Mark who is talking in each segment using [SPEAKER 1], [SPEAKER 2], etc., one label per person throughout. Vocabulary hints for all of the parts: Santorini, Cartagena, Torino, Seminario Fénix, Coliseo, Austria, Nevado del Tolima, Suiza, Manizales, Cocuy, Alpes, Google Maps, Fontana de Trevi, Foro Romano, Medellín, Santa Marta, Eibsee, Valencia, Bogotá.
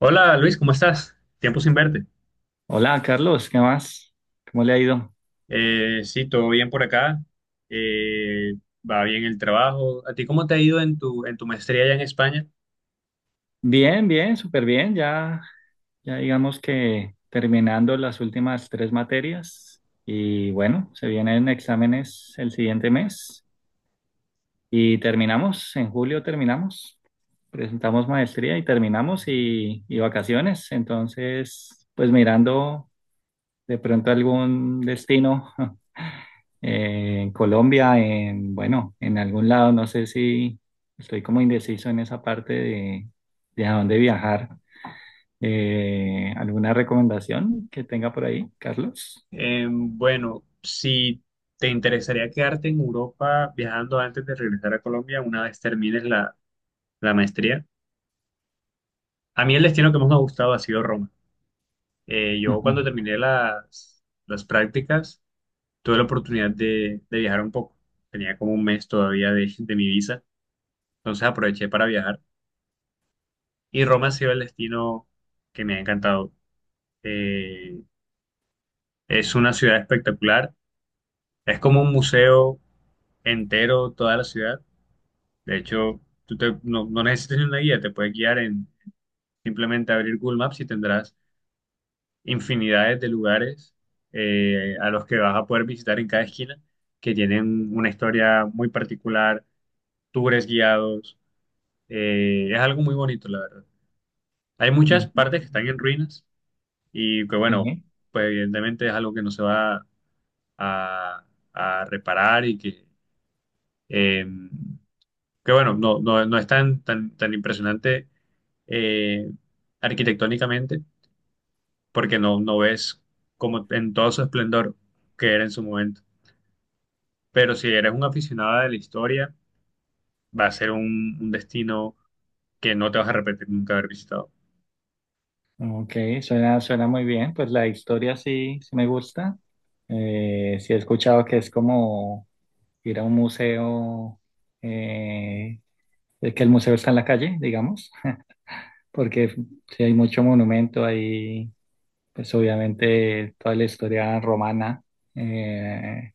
[SPEAKER 1] Hola Luis, ¿cómo estás? Tiempo sin verte.
[SPEAKER 2] Hola, Carlos, ¿qué más? ¿Cómo le ha ido?
[SPEAKER 1] Sí, todo bien por acá. Eh, Va bien el trabajo. ¿A ti cómo te ha ido en tu maestría allá en España?
[SPEAKER 2] Bien, bien, súper bien. Ya, ya digamos que terminando las últimas tres materias y bueno, se vienen exámenes el siguiente mes y terminamos, en julio terminamos, presentamos maestría y terminamos y vacaciones. Entonces, pues mirando de pronto algún destino en Colombia, bueno, en algún lado, no sé si estoy como indeciso en esa parte de a dónde viajar. ¿Alguna recomendación que tenga por ahí, Carlos?
[SPEAKER 1] Bueno, si te interesaría quedarte en Europa viajando antes de regresar a Colombia una vez termines la maestría. A mí el destino que más me ha gustado ha sido Roma. Yo
[SPEAKER 2] Ujú,
[SPEAKER 1] cuando terminé las prácticas tuve la oportunidad de viajar un poco. Tenía como un mes todavía de mi visa, entonces aproveché para viajar. Y Roma ha sido el destino que me ha encantado. Eh, es una ciudad espectacular. Es como un museo entero, toda la ciudad. De hecho, tú te- no, no necesitas ni una guía, te puedes guiar en simplemente abrir Google Maps y tendrás infinidades de lugares a los que vas a poder visitar en cada esquina, que tienen una historia muy particular, tours guiados. Es algo muy bonito, la verdad. Hay muchas
[SPEAKER 2] ujú.
[SPEAKER 1] partes que están en ruinas y que bueno,
[SPEAKER 2] Sí.
[SPEAKER 1] pues evidentemente es algo que no se va a, a reparar y eh, que bueno, no es tan impresionante eh, arquitectónicamente porque no ves como en todo su esplendor que era en su momento. Pero si eres un aficionado de la historia, va a ser un destino que no te vas a arrepentir nunca haber visitado.
[SPEAKER 2] Ok, suena, suena muy bien. Pues la historia sí, sí me gusta. Sí he escuchado que es como ir a un museo, eh, de que el museo está en la calle, digamos, porque sí hay mucho monumento ahí, pues obviamente toda la historia romana, eh,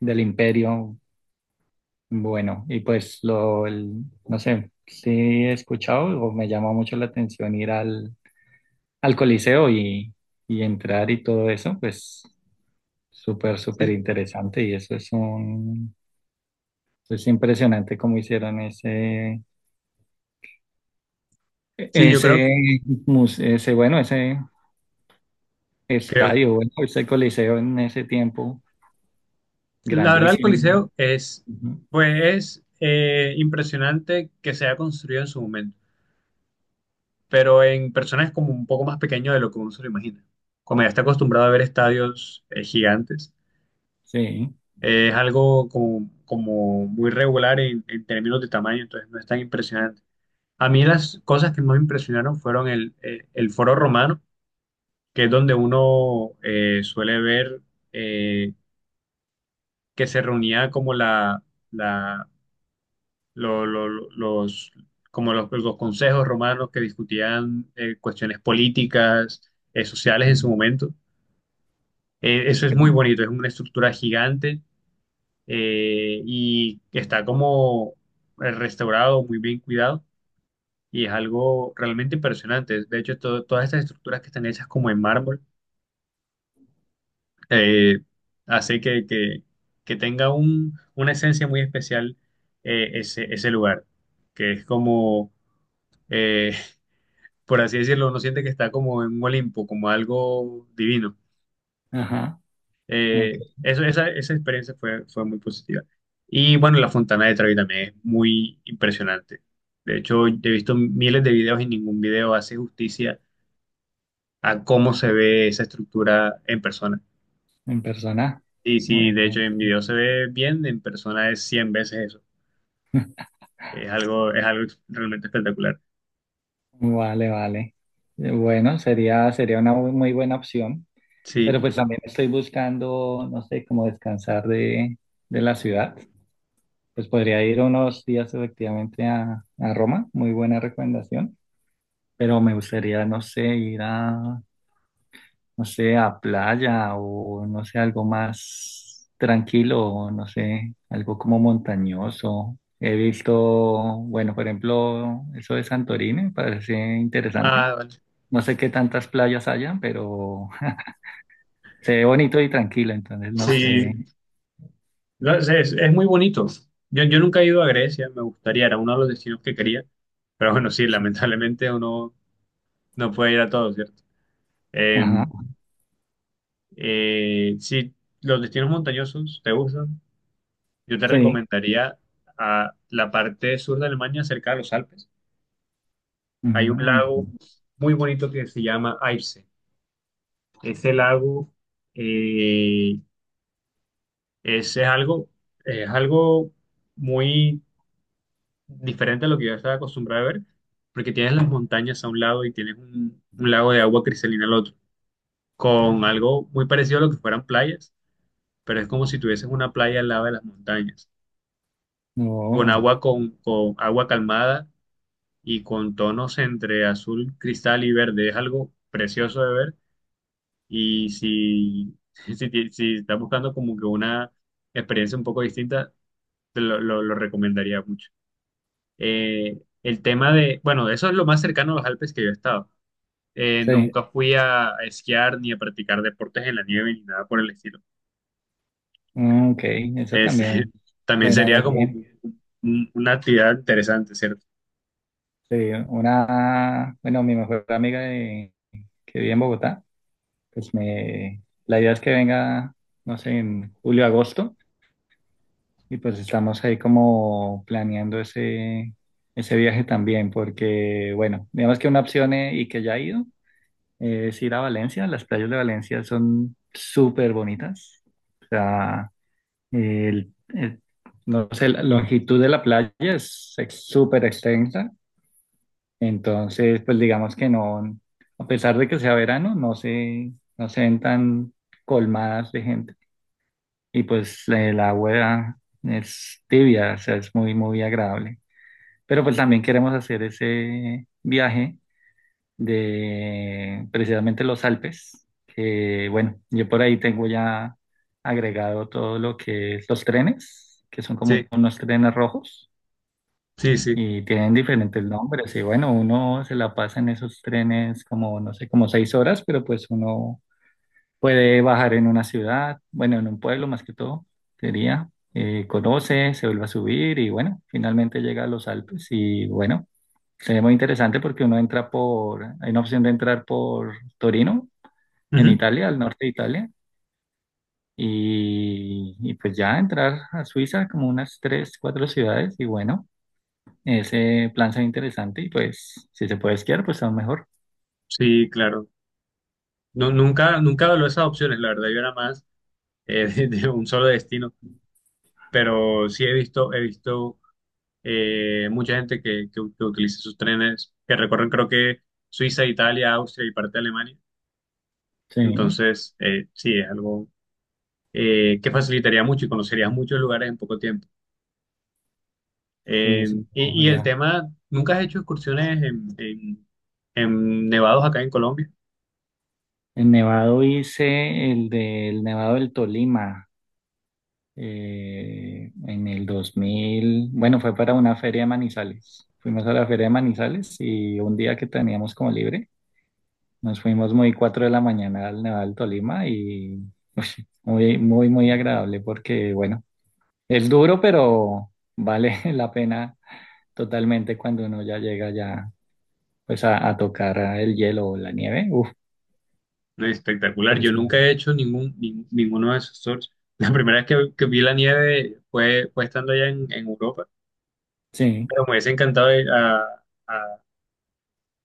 [SPEAKER 2] del imperio, bueno, y pues no sé, sí he escuchado o me llamó mucho la atención ir al Coliseo y entrar y todo eso. Pues súper, súper
[SPEAKER 1] Sí,
[SPEAKER 2] interesante y eso es un, es impresionante cómo hicieron
[SPEAKER 1] sí,
[SPEAKER 2] ese, ese, bueno, ese
[SPEAKER 1] creo,
[SPEAKER 2] estadio, bueno, ese Coliseo en ese tiempo.
[SPEAKER 1] la verdad, el
[SPEAKER 2] Grandísimo.
[SPEAKER 1] Coliseo es,
[SPEAKER 2] Ujú.
[SPEAKER 1] pues, es impresionante que se haya construido en su momento, pero en personas es como un poco más pequeño de lo que uno se lo imagina. Como ya está acostumbrado a ver estadios gigantes,
[SPEAKER 2] Sí.
[SPEAKER 1] es algo como, como muy regular en términos de tamaño, entonces no es tan impresionante. A mí las cosas que más me impresionaron fueron el Foro Romano, que es donde uno suele ver eh, que se reunía como la, lo- los, como los consejos romanos que discutían cuestiones políticas, sociales en su
[SPEAKER 2] Ujú,
[SPEAKER 1] momento. Eso es muy
[SPEAKER 2] ok.
[SPEAKER 1] bonito, es una estructura gigante y está como restaurado, muy bien cuidado y es algo realmente impresionante. De hecho, todas estas estructuras que están hechas como en mármol, eh, hace que tenga un, una esencia muy especial ese lugar, que es como... eh, por así decirlo, uno siente que está como en un Olimpo, como algo divino.
[SPEAKER 2] Ajá, ok,
[SPEAKER 1] Esa experiencia fue, fue muy positiva. Y bueno, la Fontana de Trevi también es muy impresionante. De hecho, he visto miles de videos y ningún video hace justicia a cómo se ve esa estructura en persona.
[SPEAKER 2] en persona.
[SPEAKER 1] Y sí,
[SPEAKER 2] Bueno,
[SPEAKER 1] de hecho en video se ve bien, en persona es 100 veces eso. Es algo realmente espectacular.
[SPEAKER 2] vale, vale. Bueno, sería una muy muy buena opción, pero
[SPEAKER 1] Sí.
[SPEAKER 2] pues también estoy buscando, no sé, cómo descansar de la ciudad. Pues podría ir unos días efectivamente a Roma, muy buena recomendación, pero me gustaría, no sé, ir no sé, a playa o no sé, algo más tranquilo, o no sé, algo como montañoso. He visto, bueno, por ejemplo, eso de Santorini, me parece interesante.
[SPEAKER 1] Ah, vale.
[SPEAKER 2] No sé qué tantas playas hayan, pero se ve bonito y tranquilo, entonces no sé.
[SPEAKER 1] Sí, no, es muy bonito. Yo nunca he ido a Grecia, me gustaría, era uno de los destinos que quería, pero bueno, sí,
[SPEAKER 2] Sí.
[SPEAKER 1] lamentablemente uno no puede ir a todos, ¿cierto? Eh,
[SPEAKER 2] Ajá,
[SPEAKER 1] si los destinos montañosos te gustan, yo te
[SPEAKER 2] sí.
[SPEAKER 1] recomendaría a la parte sur de Alemania, cerca de los Alpes. Hay un
[SPEAKER 2] Mm,
[SPEAKER 1] lago muy bonito que se llama Eibsee. Ese lago eh, es, es algo muy diferente a lo que yo estaba acostumbrado a ver, porque tienes las montañas a un lado y tienes un lago de agua cristalina al otro, con algo muy parecido a lo que fueran playas, pero es como si tuvieses una playa al lado de las montañas, con
[SPEAKER 2] no,
[SPEAKER 1] con agua calmada y con tonos entre azul, cristal y verde. Es algo precioso de ver y si, si estás buscando como que una experiencia un poco distinta, lo recomendaría mucho. El tema de, bueno, eso es lo más cercano a los Alpes que yo he estado.
[SPEAKER 2] sí.
[SPEAKER 1] Nunca fui a esquiar ni a practicar deportes en la nieve ni nada por el estilo.
[SPEAKER 2] Mm, ok, eso
[SPEAKER 1] Es,
[SPEAKER 2] también
[SPEAKER 1] también
[SPEAKER 2] suena
[SPEAKER 1] sería
[SPEAKER 2] muy
[SPEAKER 1] como
[SPEAKER 2] bien.
[SPEAKER 1] una actividad interesante, ¿cierto?
[SPEAKER 2] Sí, una, bueno, mi mejor amiga que vive en Bogotá. Pues me, la idea es que venga, no sé, en julio, agosto, y pues estamos ahí como planeando ese viaje también, porque, bueno, digamos que una opción y que ya he ido, es ir a Valencia. Las playas de Valencia son súper bonitas, o sea, el, el- no sé, la longitud de la playa es súper extensa. Entonces, pues digamos que no, a pesar de que sea verano, no se ven tan colmadas de gente. Y pues el agua es tibia, o sea, es muy, muy agradable. Pero pues también queremos hacer ese viaje, de precisamente los Alpes, que bueno, yo por ahí tengo ya agregado todo lo que es los trenes, que son
[SPEAKER 1] Sí,
[SPEAKER 2] como unos trenes rojos.
[SPEAKER 1] sí, sí.
[SPEAKER 2] Y tienen diferentes nombres, y bueno, uno se la pasa en esos trenes como, no sé, como 6 horas, pero pues uno puede bajar en una ciudad, bueno, en un pueblo más que todo, sería. Conoce, se vuelve a subir y bueno, finalmente llega a los Alpes y bueno, se ve muy interesante porque uno entra por, hay una opción de entrar por Torino, en
[SPEAKER 1] Ujú.
[SPEAKER 2] Italia, al norte de Italia, y pues ya entrar a Suiza, como unas tres, cuatro ciudades y bueno, ese plan se ve interesante y pues si se puede esquiar, pues aún mejor.
[SPEAKER 1] Sí, claro. No, nunca, nunca valoré esas opciones, la verdad, yo era más de un solo destino, pero sí he visto mucha gente que utiliza sus trenes, que recorren creo que Suiza, Italia, Austria y parte de Alemania.
[SPEAKER 2] Sí,
[SPEAKER 1] Entonces, sí, es algo que facilitaría mucho y conocerías muchos lugares en poco tiempo.
[SPEAKER 2] sí, sí,
[SPEAKER 1] Y el
[SPEAKER 2] ojalá.
[SPEAKER 1] tema, ¿nunca has hecho excursiones en, en nevados acá en Colombia?
[SPEAKER 2] El Nevado, hice el del Nevado del Tolima en el 2000. Bueno, fue para una feria de Manizales. Fuimos a la feria de Manizales y un día que teníamos como libre, nos fuimos muy 4 de la mañana al Nevado del Tolima y uy, muy, muy, muy agradable porque, bueno, es duro, pero vale la pena totalmente cuando uno ya llega, ya pues a tocar el hielo o la nieve. Uf,
[SPEAKER 1] No, espectacular, yo nunca he
[SPEAKER 2] impresionante.
[SPEAKER 1] hecho ninguno de esos tours. La primera vez que vi la nieve fue, fue estando allá en Europa,
[SPEAKER 2] Sí.
[SPEAKER 1] pero me hubiese encantado ir a-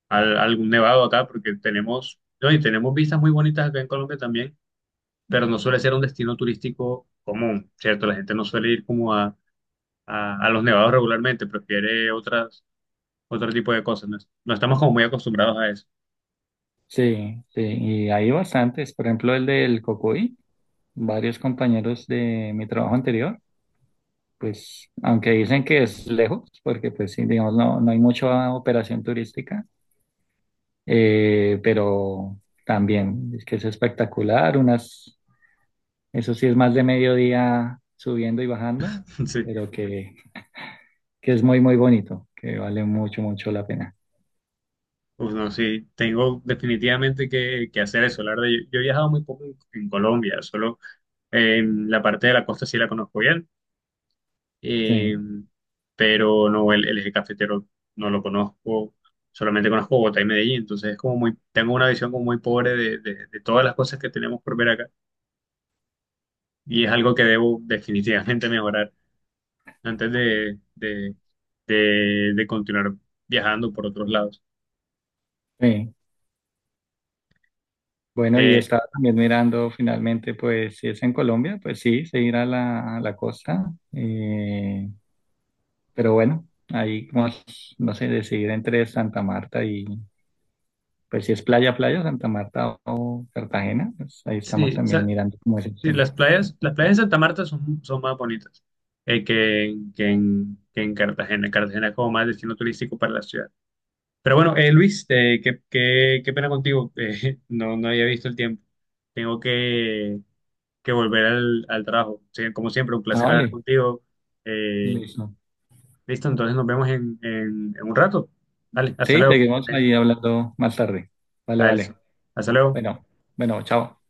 [SPEAKER 1] a algún nevado acá porque tenemos, no, y tenemos vistas muy bonitas acá en Colombia también, pero no suele ser un destino turístico común, ¿cierto? La gente no suele ir como a los nevados regularmente, prefiere otro tipo de cosas. No, no estamos como muy acostumbrados a eso.
[SPEAKER 2] Sí, sí, y hay bastantes, por ejemplo el del Cocuy. Varios compañeros de mi trabajo anterior, pues aunque dicen que es lejos, porque pues sí, digamos, no, no hay mucha operación turística, pero también es que es espectacular. Unas, eso sí es más de mediodía subiendo y bajando,
[SPEAKER 1] Sí,
[SPEAKER 2] pero que es muy, muy bonito, que vale mucho, mucho la pena.
[SPEAKER 1] uf, no, sí, tengo definitivamente que hacer eso. La verdad, yo he viajado muy poco en Colombia, solo en la parte de la costa sí la conozco bien,
[SPEAKER 2] Sí,
[SPEAKER 1] eh, pero no, el eje cafetero no lo conozco. Solamente conozco Bogotá y Medellín, entonces es como muy, tengo una visión como muy pobre de de todas las cosas que tenemos por ver acá y es algo que debo definitivamente mejorar antes de continuar viajando por otros lados.
[SPEAKER 2] sí. Bueno, y
[SPEAKER 1] Eh,
[SPEAKER 2] estaba también mirando finalmente, pues si es en Colombia, pues sí, se irá a a la costa. Pero bueno, ahí como, es, no sé, decidir entre Santa Marta y, pues si es playa, playa, Santa Marta o Cartagena, pues ahí estamos
[SPEAKER 1] sí, o
[SPEAKER 2] también
[SPEAKER 1] sea,
[SPEAKER 2] mirando como esa
[SPEAKER 1] sí,
[SPEAKER 2] opción.
[SPEAKER 1] las playas de Santa Marta son, son más bonitas que en Cartagena. Cartagena es como más destino turístico para la ciudad. Pero bueno, Luis, qué pena contigo. No, no había visto el tiempo. Tengo que volver al trabajo. Sí, como siempre, un
[SPEAKER 2] Ah,
[SPEAKER 1] placer hablar
[SPEAKER 2] vale,
[SPEAKER 1] contigo. Eh,
[SPEAKER 2] listo.
[SPEAKER 1] Listo, entonces nos vemos en, en un rato. Vale, hasta
[SPEAKER 2] Sí,
[SPEAKER 1] luego.
[SPEAKER 2] seguimos ahí hablando más tarde. Vale,
[SPEAKER 1] A Elsa.
[SPEAKER 2] vale.
[SPEAKER 1] Hasta luego.
[SPEAKER 2] Bueno, bueno, chao.